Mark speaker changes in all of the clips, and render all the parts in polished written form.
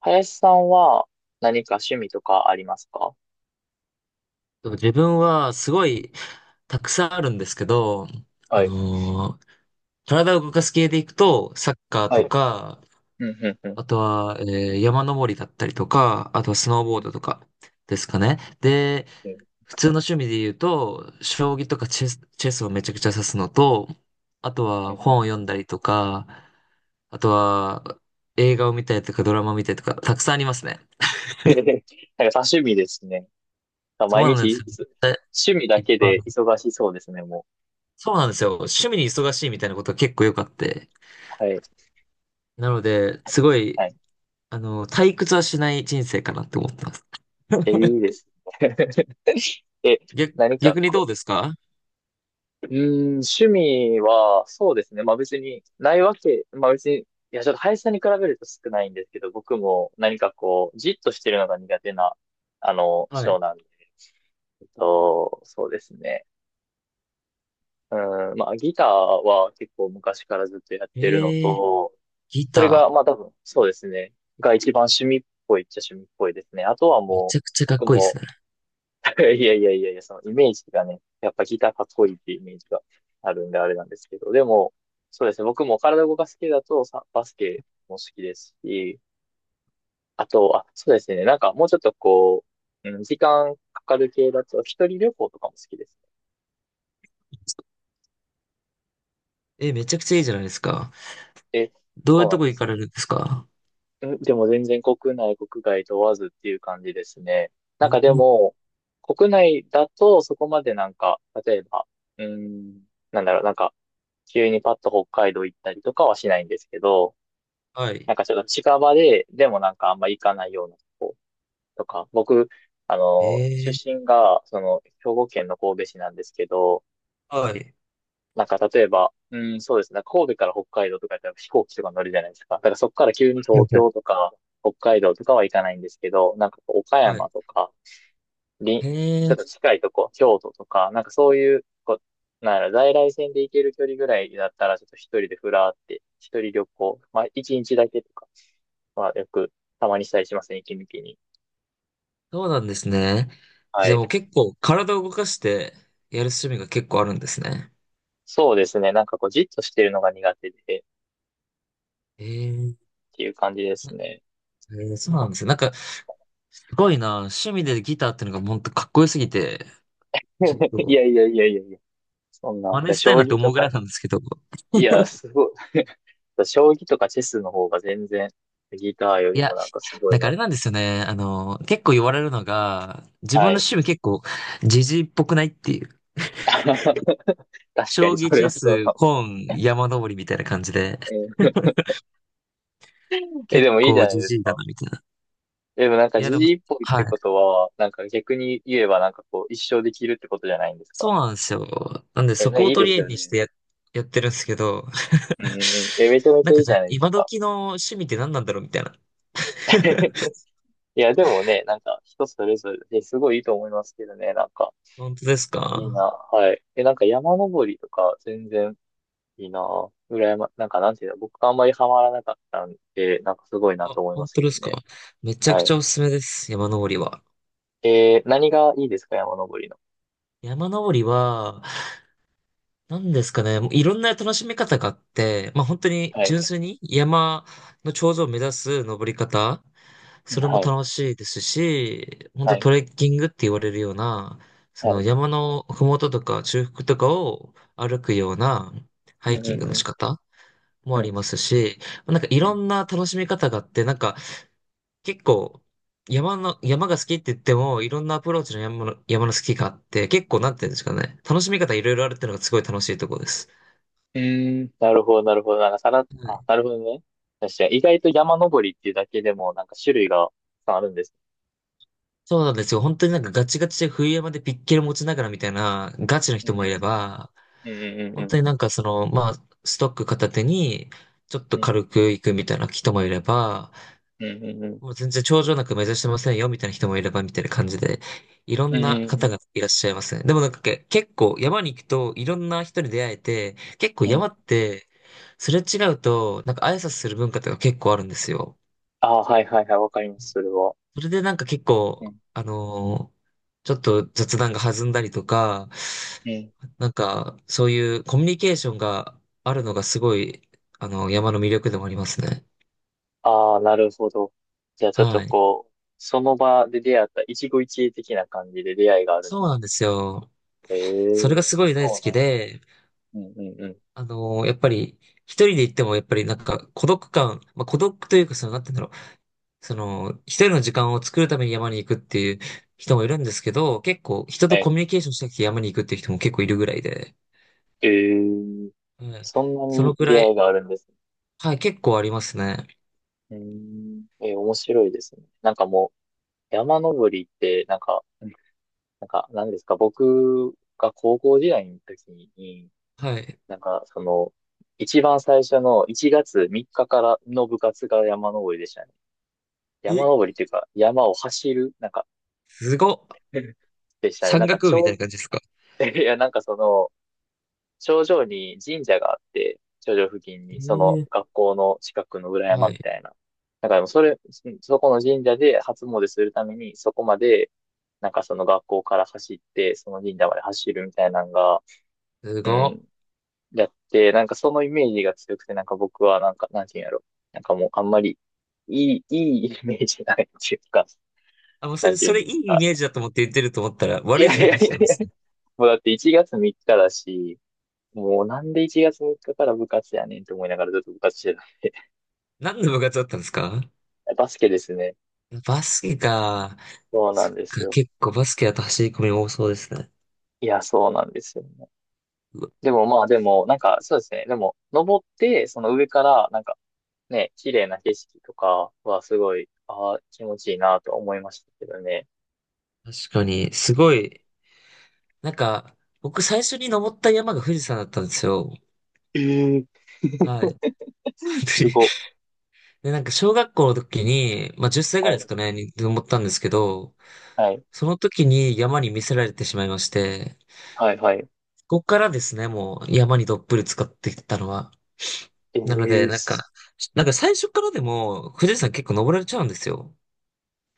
Speaker 1: 林さんは何か趣味とかありますか？
Speaker 2: 自分はすごいたくさんあるんですけど、あ
Speaker 1: はい。
Speaker 2: のー体を動かす系でいくと、サッカー
Speaker 1: は
Speaker 2: と
Speaker 1: い。
Speaker 2: か、
Speaker 1: うん、うん、うん。
Speaker 2: あとは、山登りだったりとか、あとはスノーボ
Speaker 1: う
Speaker 2: ー
Speaker 1: ん。
Speaker 2: ドとかですかね。で、普通の趣味で言うと、将棋とかチェスチェスをめちゃくちゃ指すのと、あと
Speaker 1: う
Speaker 2: は
Speaker 1: んうん。
Speaker 2: 本を読んだりとか、あとは映画を見たりとかドラマを見たりとか、たくさんありますね。
Speaker 1: へへへ なんか多趣味ですね。
Speaker 2: そ
Speaker 1: 毎
Speaker 2: うなん
Speaker 1: 日
Speaker 2: です
Speaker 1: い
Speaker 2: よ。
Speaker 1: つ、趣味
Speaker 2: い
Speaker 1: だ
Speaker 2: っ
Speaker 1: け
Speaker 2: ぱ
Speaker 1: で
Speaker 2: い
Speaker 1: 忙しそうですね、も
Speaker 2: そうなんですよ。趣味に忙しいみたいなことが結構よくあって。
Speaker 1: う。はい。
Speaker 2: なので、すご
Speaker 1: は
Speaker 2: い、
Speaker 1: い。
Speaker 2: あの、退屈はしない人生かなって思ってます。
Speaker 1: え、いいですね。え、何か
Speaker 2: 逆にどう
Speaker 1: こ
Speaker 2: ですか？
Speaker 1: う。うーん、趣味は、そうですね。まあ別に、ないわけ、まあ別に、いや、ちょっと林さんに比べると少ないんですけど、僕も何かこう、じっとしてるのが苦手な、
Speaker 2: は
Speaker 1: 性
Speaker 2: い。
Speaker 1: なんで。と、そうですね。うん、まあ、ギターは結構昔からずっとやっ
Speaker 2: え
Speaker 1: てるの
Speaker 2: ー、
Speaker 1: と、
Speaker 2: ギ
Speaker 1: それが、
Speaker 2: タ
Speaker 1: まあ多分、そうですね。が一番趣味っぽいっちゃ趣味っぽいですね。あとは
Speaker 2: ー。め
Speaker 1: も
Speaker 2: ちゃ
Speaker 1: う、
Speaker 2: くちゃかっ
Speaker 1: 僕
Speaker 2: こいいで
Speaker 1: も、
Speaker 2: すね。
Speaker 1: いやいやいやいや、そのイメージがね、やっぱギターかっこいいっていうイメージがあるんであれなんですけど、でも、そうですね。僕も体動かす系だとさ、バスケも好きですし、あと、あ、そうですね。なんかもうちょっとこう、うん、時間かかる系だと、一人旅行とかも好きですね。
Speaker 2: えー、めちゃくちゃいいじゃないですか。
Speaker 1: で、
Speaker 2: どうい
Speaker 1: そう
Speaker 2: うと
Speaker 1: なん
Speaker 2: こ
Speaker 1: で
Speaker 2: 行
Speaker 1: す。
Speaker 2: かれるんですか？
Speaker 1: えでも全然国内、国外問わずっていう感じですね。
Speaker 2: う
Speaker 1: なんかで
Speaker 2: ん、
Speaker 1: も、国内だとそこまでなんか、例えば、うーん、なんだろう、なんか、急にパッと北海道行ったりとかはしないんですけど、
Speaker 2: はい。
Speaker 1: なんかちょっと近場で、でもなんかあんま行かないようなとことか、僕、
Speaker 2: え
Speaker 1: 出
Speaker 2: ー、
Speaker 1: 身が、その、兵庫県の神戸市なんですけど、
Speaker 2: はい。
Speaker 1: なんか例えば、うん、そうですね。神戸から北海道とかやったら飛行機とか乗るじゃないですか。だからそこから急に
Speaker 2: は
Speaker 1: 東
Speaker 2: いは
Speaker 1: 京
Speaker 2: い
Speaker 1: とか北海道とかは行かないんですけど、なんかこう岡
Speaker 2: は
Speaker 1: 山
Speaker 2: い。
Speaker 1: とか、り
Speaker 2: へえ
Speaker 1: ちょっと
Speaker 2: ー、
Speaker 1: 近いとこ、京都とか、なんかそういう、こう、なんやろ、在来線で行ける距離ぐらいだったら、ちょっと一人でふらーって、一人旅行、まあ一日だけとかはよくたまにしたりしますね、息抜きに。
Speaker 2: そうなんですね。
Speaker 1: は
Speaker 2: じゃあ
Speaker 1: い。
Speaker 2: もう結構体を動かしてやる趣味が結構あるんですね。
Speaker 1: そうですね。なんかこう、じっとしてるのが苦手で、っ
Speaker 2: へえー、へ
Speaker 1: ていう感じですね。
Speaker 2: え、そうなんですよ。なんかすごいな。趣味でギターってのが本当かっこよすぎて、ちょっ
Speaker 1: い
Speaker 2: と
Speaker 1: やいやいやいやいや。そんな。
Speaker 2: 真似
Speaker 1: で、
Speaker 2: した
Speaker 1: 将
Speaker 2: いなって
Speaker 1: 棋
Speaker 2: 思
Speaker 1: と
Speaker 2: うぐら
Speaker 1: か、
Speaker 2: いなんですけど。
Speaker 1: いや、すごい。将棋とかチェスの方が全然、ギターよ
Speaker 2: い
Speaker 1: りも
Speaker 2: や、
Speaker 1: なんかすご
Speaker 2: な
Speaker 1: い
Speaker 2: んかあ
Speaker 1: な。
Speaker 2: れなんですよね。あの、結構言われるのが、自分の
Speaker 1: はい。
Speaker 2: 趣味結構ジジイっぽくないっていう。
Speaker 1: 確かに
Speaker 2: 将
Speaker 1: そ
Speaker 2: 棋、
Speaker 1: れ
Speaker 2: チェ
Speaker 1: はそう
Speaker 2: ス、
Speaker 1: かも。
Speaker 2: 本、山登りみたいな感じで、
Speaker 1: えー、え
Speaker 2: 結
Speaker 1: でもいいじゃ
Speaker 2: 構
Speaker 1: な
Speaker 2: ジ
Speaker 1: いで
Speaker 2: ジ
Speaker 1: す
Speaker 2: イだ
Speaker 1: か。
Speaker 2: なみたいな。
Speaker 1: でもなんか
Speaker 2: いや、
Speaker 1: 時
Speaker 2: でも、
Speaker 1: 事一歩っ
Speaker 2: は
Speaker 1: てこ
Speaker 2: い。
Speaker 1: とは、なんか逆に言えばなんかこう一生できるってことじゃないんです
Speaker 2: そう
Speaker 1: か？
Speaker 2: なんですよ。なんで
Speaker 1: え、
Speaker 2: そこ
Speaker 1: ね、
Speaker 2: を
Speaker 1: いいで
Speaker 2: 取り
Speaker 1: す
Speaker 2: 柄
Speaker 1: よ
Speaker 2: にし
Speaker 1: ね。
Speaker 2: てやってるんですけど、
Speaker 1: うんうんうん。え、めちゃめち
Speaker 2: な
Speaker 1: ゃ
Speaker 2: ん
Speaker 1: い
Speaker 2: か
Speaker 1: い
Speaker 2: じ
Speaker 1: じ
Speaker 2: ゃ
Speaker 1: ゃ
Speaker 2: あ、
Speaker 1: ないです
Speaker 2: 今
Speaker 1: か。
Speaker 2: 時の趣味って何なんだろうみたいな。
Speaker 1: いや、でもね、なんか人それぞれですごいいいと思いますけどね、なんか
Speaker 2: 本当です
Speaker 1: いいな。
Speaker 2: か？
Speaker 1: はい。え、なんか山登りとか全然いいなぁ。羨ま、なんかなんていうの、僕があんまりハマらなかったんで、なんかすごいなと思いま
Speaker 2: 本
Speaker 1: す
Speaker 2: 当
Speaker 1: け
Speaker 2: で
Speaker 1: ど
Speaker 2: す
Speaker 1: ね。
Speaker 2: か？めちゃ
Speaker 1: は
Speaker 2: くち
Speaker 1: い。
Speaker 2: ゃおすすめです。山登りは。
Speaker 1: えー、何がいいですか、山登りの。
Speaker 2: 山登りは、何ですかね。もういろんな楽しみ方があって、まあ本当に
Speaker 1: はい。
Speaker 2: 純粋に山の頂上を目指す登り方、
Speaker 1: うん。
Speaker 2: それも
Speaker 1: はい。
Speaker 2: 楽しいですし、本
Speaker 1: は
Speaker 2: 当ト
Speaker 1: い。
Speaker 2: レッキングって言われるような、そ
Speaker 1: は
Speaker 2: の
Speaker 1: い。
Speaker 2: 山の麓とか中腹とかを歩くようなハ
Speaker 1: う
Speaker 2: イ
Speaker 1: ん
Speaker 2: キ
Speaker 1: う
Speaker 2: ン
Speaker 1: ん
Speaker 2: グ
Speaker 1: う
Speaker 2: の仕
Speaker 1: ん。
Speaker 2: 方も
Speaker 1: う
Speaker 2: あり
Speaker 1: ん
Speaker 2: ますし、なんかい
Speaker 1: う
Speaker 2: ろ
Speaker 1: ん。
Speaker 2: んな楽しみ方があって、なんか結構、山が好きって言っても、いろんなアプローチの山の好きがあって、結構なんて言うんですかね。楽しみ方いろいろあるっていうのがすごい楽しいところです。
Speaker 1: うーん、なるほど、なるほど。なんかさら、
Speaker 2: はい。
Speaker 1: あ、なるほどね。確かに、意外と山登りっていうだけでも、なんか種類がたくさんあるんです。
Speaker 2: そうなんですよ。本当になんかガチガチで冬山でピッケル持ちながらみたいなガチの
Speaker 1: うん
Speaker 2: 人も
Speaker 1: う
Speaker 2: いれ
Speaker 1: ん
Speaker 2: ば、
Speaker 1: うん。うんうんう
Speaker 2: 本当
Speaker 1: ん
Speaker 2: になんかその、まあ、ストック片手に、ちょっと
Speaker 1: うん。
Speaker 2: 軽く行くみたいな人もいれば、
Speaker 1: うんうんうん。
Speaker 2: もう全然頂上なく目指してませんよ、みたいな人もいれば、みたいな感じで、いろ
Speaker 1: うん
Speaker 2: んな方
Speaker 1: う
Speaker 2: がいらっしゃいますね。でもなんか結構山に行くといろんな人に出会えて、結構
Speaker 1: んう
Speaker 2: 山っ
Speaker 1: ん。
Speaker 2: て、すれ違うと、なんか挨拶する文化とか結構あるんですよ。
Speaker 1: ああ、はいはいはい、わかります、それは。
Speaker 2: それでなんか結
Speaker 1: う
Speaker 2: 構、
Speaker 1: ん
Speaker 2: ちょっと雑談が弾んだりとか、
Speaker 1: うん。
Speaker 2: なんかそういうコミュニケーションがあるのがすごい、あの、山の魅力でもありますね。
Speaker 1: ああ、なるほど。じゃあちょっと
Speaker 2: はい。
Speaker 1: こう、その場で出会った一期一会的な感じで出会いがあるんで
Speaker 2: そう
Speaker 1: す。
Speaker 2: なんですよ。
Speaker 1: え
Speaker 2: それが
Speaker 1: え、
Speaker 2: すごい大好
Speaker 1: そ
Speaker 2: きで、
Speaker 1: うなん。うんうんうん。
Speaker 2: やっぱり、一人で行っても、やっぱりなんか、孤独感、まあ、孤独というか、その、なんて言うんだろう。その、一人の時間を作るために山に行くっていう人もいるんですけど、結構、人と
Speaker 1: は
Speaker 2: コミュ
Speaker 1: い。
Speaker 2: ニケーションしたくて山に行くっていう人も結構いるぐらいで、
Speaker 1: ええ、
Speaker 2: はい。
Speaker 1: そんな
Speaker 2: その
Speaker 1: に
Speaker 2: く
Speaker 1: 出
Speaker 2: ら
Speaker 1: 会い
Speaker 2: い、
Speaker 1: があるんですね。
Speaker 2: はい、結構ありますね。
Speaker 1: うーん。えー面白いですね。なんかもう、山登りって、なんか、なんか、なんですか、僕が高校時代の時に、
Speaker 2: はい。
Speaker 1: なんか、その、一番最初の1月3日かからの部活が山登りでしたね。山
Speaker 2: え、
Speaker 1: 登りっていうか、山を走る、なんか、
Speaker 2: すごっ。
Speaker 1: でしたね。な
Speaker 2: 山
Speaker 1: んか、
Speaker 2: 岳
Speaker 1: ち
Speaker 2: 部みた
Speaker 1: ょ
Speaker 2: いな
Speaker 1: う、
Speaker 2: 感じですか？
Speaker 1: いや、なんかその、頂上に神社があって、頂上付近に、その
Speaker 2: ええ、
Speaker 1: 学校の近くの裏
Speaker 2: は
Speaker 1: 山み
Speaker 2: い。
Speaker 1: たいな。なんかでもそれ、そそこの神社で初詣するために、そこまで、なんかその学校から走って、その神社まで走るみたいなのが、
Speaker 2: す
Speaker 1: う
Speaker 2: ごっ。
Speaker 1: ん、やって、なんかそのイメージが強くて、なんか僕は、なんか、なんていうんやろ。なんかもう、あんまり、いい、いいイメージないっていうか、
Speaker 2: あ、もうそ
Speaker 1: なん
Speaker 2: れ、
Speaker 1: ていう
Speaker 2: そ
Speaker 1: ん
Speaker 2: れい
Speaker 1: です
Speaker 2: いイ
Speaker 1: か。
Speaker 2: メージだと思って言ってると思ったら、
Speaker 1: い
Speaker 2: 悪
Speaker 1: や
Speaker 2: い
Speaker 1: い
Speaker 2: イ
Speaker 1: や
Speaker 2: メー
Speaker 1: い
Speaker 2: ジ
Speaker 1: や
Speaker 2: なんで
Speaker 1: い
Speaker 2: す
Speaker 1: や。
Speaker 2: ね。
Speaker 1: もうだって1月3日だし、もうなんで1月3日かから部活やねんって思いながらずっと部活してた。
Speaker 2: 何の部活だったんですか？
Speaker 1: バスケですね。
Speaker 2: バスケか。
Speaker 1: そうな
Speaker 2: そ
Speaker 1: ん
Speaker 2: っ
Speaker 1: です
Speaker 2: か、
Speaker 1: よ。
Speaker 2: 結構バスケだと走り込み多そうですね。
Speaker 1: いや、そうなんですよね。
Speaker 2: うわ、
Speaker 1: でもまあでも、なんかそうですね。でも、登って、その上から、なんかね、綺麗な景色とかはすごい、ああ、気持ちいいなと思いましたけどね。
Speaker 2: 確かに、すごい、なんか、僕最初に登った山が富士山だったんですよ。
Speaker 1: ええ
Speaker 2: はい。本当に。
Speaker 1: すご。
Speaker 2: で、なんか小学校の時に、まあ10歳ぐ
Speaker 1: は
Speaker 2: らいで
Speaker 1: い。
Speaker 2: すかね、に登ったんですけど、
Speaker 1: はい。
Speaker 2: その時に山に見せられてしまいまして、
Speaker 1: はい、はい。
Speaker 2: ここからですね、もう山にどっぷり使っていったのは。
Speaker 1: え
Speaker 2: なので、
Speaker 1: え
Speaker 2: なん
Speaker 1: す、
Speaker 2: か、なんか最初からでも富士山結構登れちゃうんですよ。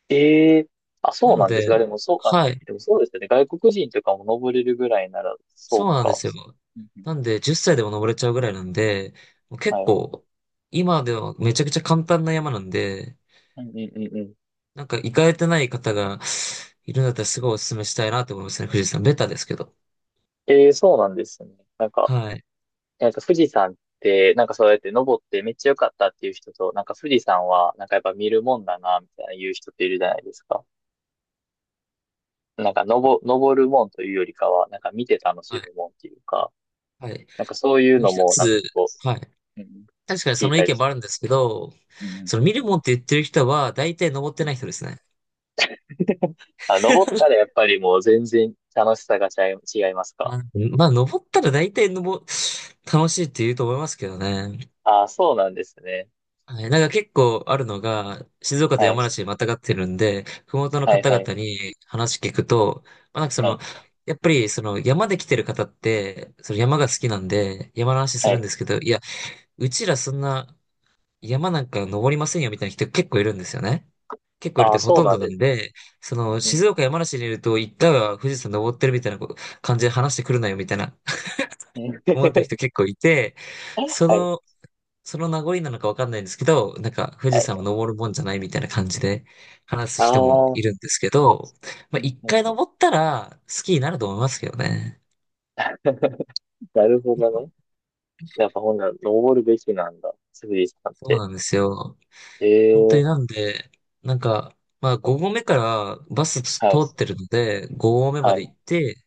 Speaker 1: ええあ、そ
Speaker 2: な
Speaker 1: う
Speaker 2: の
Speaker 1: なんです
Speaker 2: で、
Speaker 1: が、でもそう、あ、
Speaker 2: はい。
Speaker 1: でもそうですよね。外国人とかも登れるぐらいなら、そう
Speaker 2: そうなんで
Speaker 1: か。
Speaker 2: すよ。
Speaker 1: うんうん。
Speaker 2: なんで、10歳でも登れちゃうぐらいなんで、もう結
Speaker 1: はい。
Speaker 2: 構、今ではめちゃくちゃ簡単な山なんで、
Speaker 1: うんうんうんうん。
Speaker 2: なんか行かれてない方がいるんだったらすごいお勧めしたいなと思いますね、富士山。ベタですけど。
Speaker 1: ええそうなんですね。なんか、
Speaker 2: はい。
Speaker 1: なんか富士山って、なんかそうやって登ってめっちゃ良かったっていう人と、なんか富士山は、なんかやっぱ見るもんだな、みたいな言う人っているじゃないですか。なんか登、登るもんというよりかは、なんか見て楽し
Speaker 2: は
Speaker 1: む
Speaker 2: い。
Speaker 1: もんっていうか、
Speaker 2: はい。
Speaker 1: なんかそういう
Speaker 2: もう
Speaker 1: の
Speaker 2: 一
Speaker 1: も、なんか
Speaker 2: つ、
Speaker 1: こ
Speaker 2: はい。
Speaker 1: う、うん、
Speaker 2: 確かに
Speaker 1: 聞
Speaker 2: そ
Speaker 1: い
Speaker 2: の意
Speaker 1: たり
Speaker 2: 見
Speaker 1: し
Speaker 2: も
Speaker 1: て。
Speaker 2: あるんですけど、
Speaker 1: うんうんうん
Speaker 2: その見る
Speaker 1: う
Speaker 2: もんって言ってる人は大体登って
Speaker 1: んうん。
Speaker 2: ない人ですね。
Speaker 1: あ、登ったら やっぱりもう全然楽しさが違い、違いますか？
Speaker 2: あ、まあ、登ったら大体登、楽しいって言うと思いますけどね。
Speaker 1: ああ、そうなんですね。
Speaker 2: はい、なんか結構あるのが、静岡と
Speaker 1: はい。
Speaker 2: 山梨にまたがってるんで、麓の
Speaker 1: はい
Speaker 2: 方
Speaker 1: はい。
Speaker 2: 々に話聞くと、まあ、なんかそ
Speaker 1: は
Speaker 2: の、
Speaker 1: い。
Speaker 2: やっぱりその山で来てる方って、その山が好きなんで、山の話す
Speaker 1: は
Speaker 2: るん
Speaker 1: い。
Speaker 2: ですけど、いや、うちらそんな山なんか登りませんよみたいな人結構いるんですよね。結構いるっ
Speaker 1: ああ、
Speaker 2: てかほ
Speaker 1: そう
Speaker 2: とん
Speaker 1: な
Speaker 2: ど
Speaker 1: ん
Speaker 2: な
Speaker 1: で
Speaker 2: ん
Speaker 1: すね。
Speaker 2: で、その静岡山梨にいると一回は富士山登ってるみたいな感じで話してくるなよみたいな 思っ てる
Speaker 1: は
Speaker 2: 人結構いて、そ
Speaker 1: い、
Speaker 2: のその名残なのかわかんないんですけど、なんか富
Speaker 1: は
Speaker 2: 士
Speaker 1: い。
Speaker 2: 山を登るもんじゃないみたいな感じで話す
Speaker 1: あ
Speaker 2: 人も
Speaker 1: あ、うん、
Speaker 2: いるんですけど、ま
Speaker 1: う
Speaker 2: あ
Speaker 1: ん
Speaker 2: 一
Speaker 1: う
Speaker 2: 回
Speaker 1: ん。
Speaker 2: 登ったら好きになると思いますけどね。
Speaker 1: なるほどね。やっぱほんなら、登るべきなんだ。スリーさんっ
Speaker 2: そう
Speaker 1: て。
Speaker 2: なんですよ。
Speaker 1: ええ
Speaker 2: 本当に
Speaker 1: ー。
Speaker 2: なんで、なんか、まあ5合目からバス通
Speaker 1: はい、
Speaker 2: ってるので、5合目ま
Speaker 1: は
Speaker 2: で
Speaker 1: い、
Speaker 2: 行って、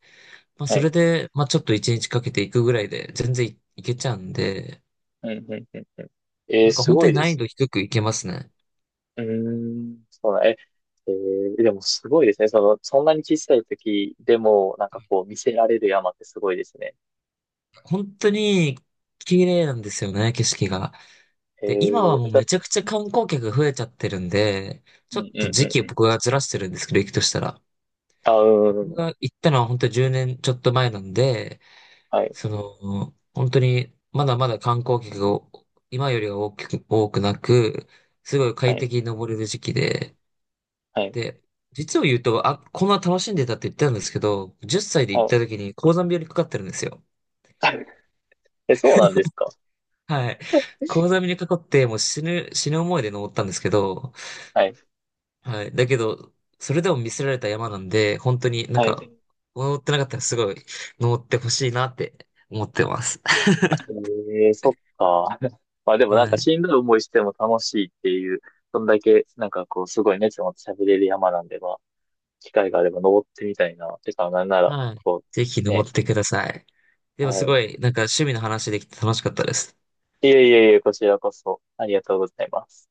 Speaker 2: まあ
Speaker 1: は
Speaker 2: それ
Speaker 1: い。
Speaker 2: で、まあちょっと1日かけて行くぐらいで全然行けちゃうんで、
Speaker 1: うん、うん、うん。え
Speaker 2: な
Speaker 1: ー
Speaker 2: んか
Speaker 1: す
Speaker 2: 本当
Speaker 1: ごい
Speaker 2: に
Speaker 1: で
Speaker 2: 難易
Speaker 1: す
Speaker 2: 度
Speaker 1: ね。
Speaker 2: 低く行けますね。
Speaker 1: うーん、そうだ、え、えーでもすごいですね。その、そんなに小さい時でも、なんかこう、見せられる山ってすごいですね。
Speaker 2: 本当に綺麗なんですよね、景色が。
Speaker 1: え
Speaker 2: で、今
Speaker 1: ー、
Speaker 2: はもう
Speaker 1: だ、
Speaker 2: めちゃくちゃ観光客が増えちゃってるんで、
Speaker 1: う
Speaker 2: ちょっ
Speaker 1: ん、う
Speaker 2: と
Speaker 1: ん、う
Speaker 2: 時期
Speaker 1: ん、
Speaker 2: を
Speaker 1: うん。
Speaker 2: 僕がずらしてるんですけど、行くとしたら。
Speaker 1: あ、うん、うん
Speaker 2: 僕
Speaker 1: うん。
Speaker 2: が行ったのは本当に10年ちょっと前なんで、
Speaker 1: はい、
Speaker 2: その、本当にまだまだ観光客が今よりは大きく、多くなく、すごい
Speaker 1: は
Speaker 2: 快
Speaker 1: い、
Speaker 2: 適に登れる時期で、
Speaker 1: はい、
Speaker 2: で、実を言うと、あ、こんな楽しんでたって言ったんですけど、10歳で行
Speaker 1: は
Speaker 2: った
Speaker 1: い。
Speaker 2: 時に高山病にかかってるんですよ。
Speaker 1: え、そうなんですか？
Speaker 2: はい。高山病にかかって、もう死ぬ、死ぬ思いで登ったんですけど、
Speaker 1: はい、
Speaker 2: はい。だけど、それでも見せられた山なんで、本当になん
Speaker 1: はい。
Speaker 2: か、登ってなかったらすごい登ってほしいなって思ってます。
Speaker 1: ええそっか。まあでもなん
Speaker 2: は
Speaker 1: か
Speaker 2: い。
Speaker 1: しんどい思いしても楽しいっていう、そんだけなんかこうすごい熱を持って喋れる山なんで、まあ、機会があれば登ってみたいな。てか、なんなら、
Speaker 2: はい。
Speaker 1: こ
Speaker 2: ぜひ
Speaker 1: う、ね。
Speaker 2: 登ってください。でも
Speaker 1: は
Speaker 2: す
Speaker 1: い。
Speaker 2: ごい、なんか趣味の話できて楽しかったです。
Speaker 1: いえいえいえ、こちらこそありがとうございます。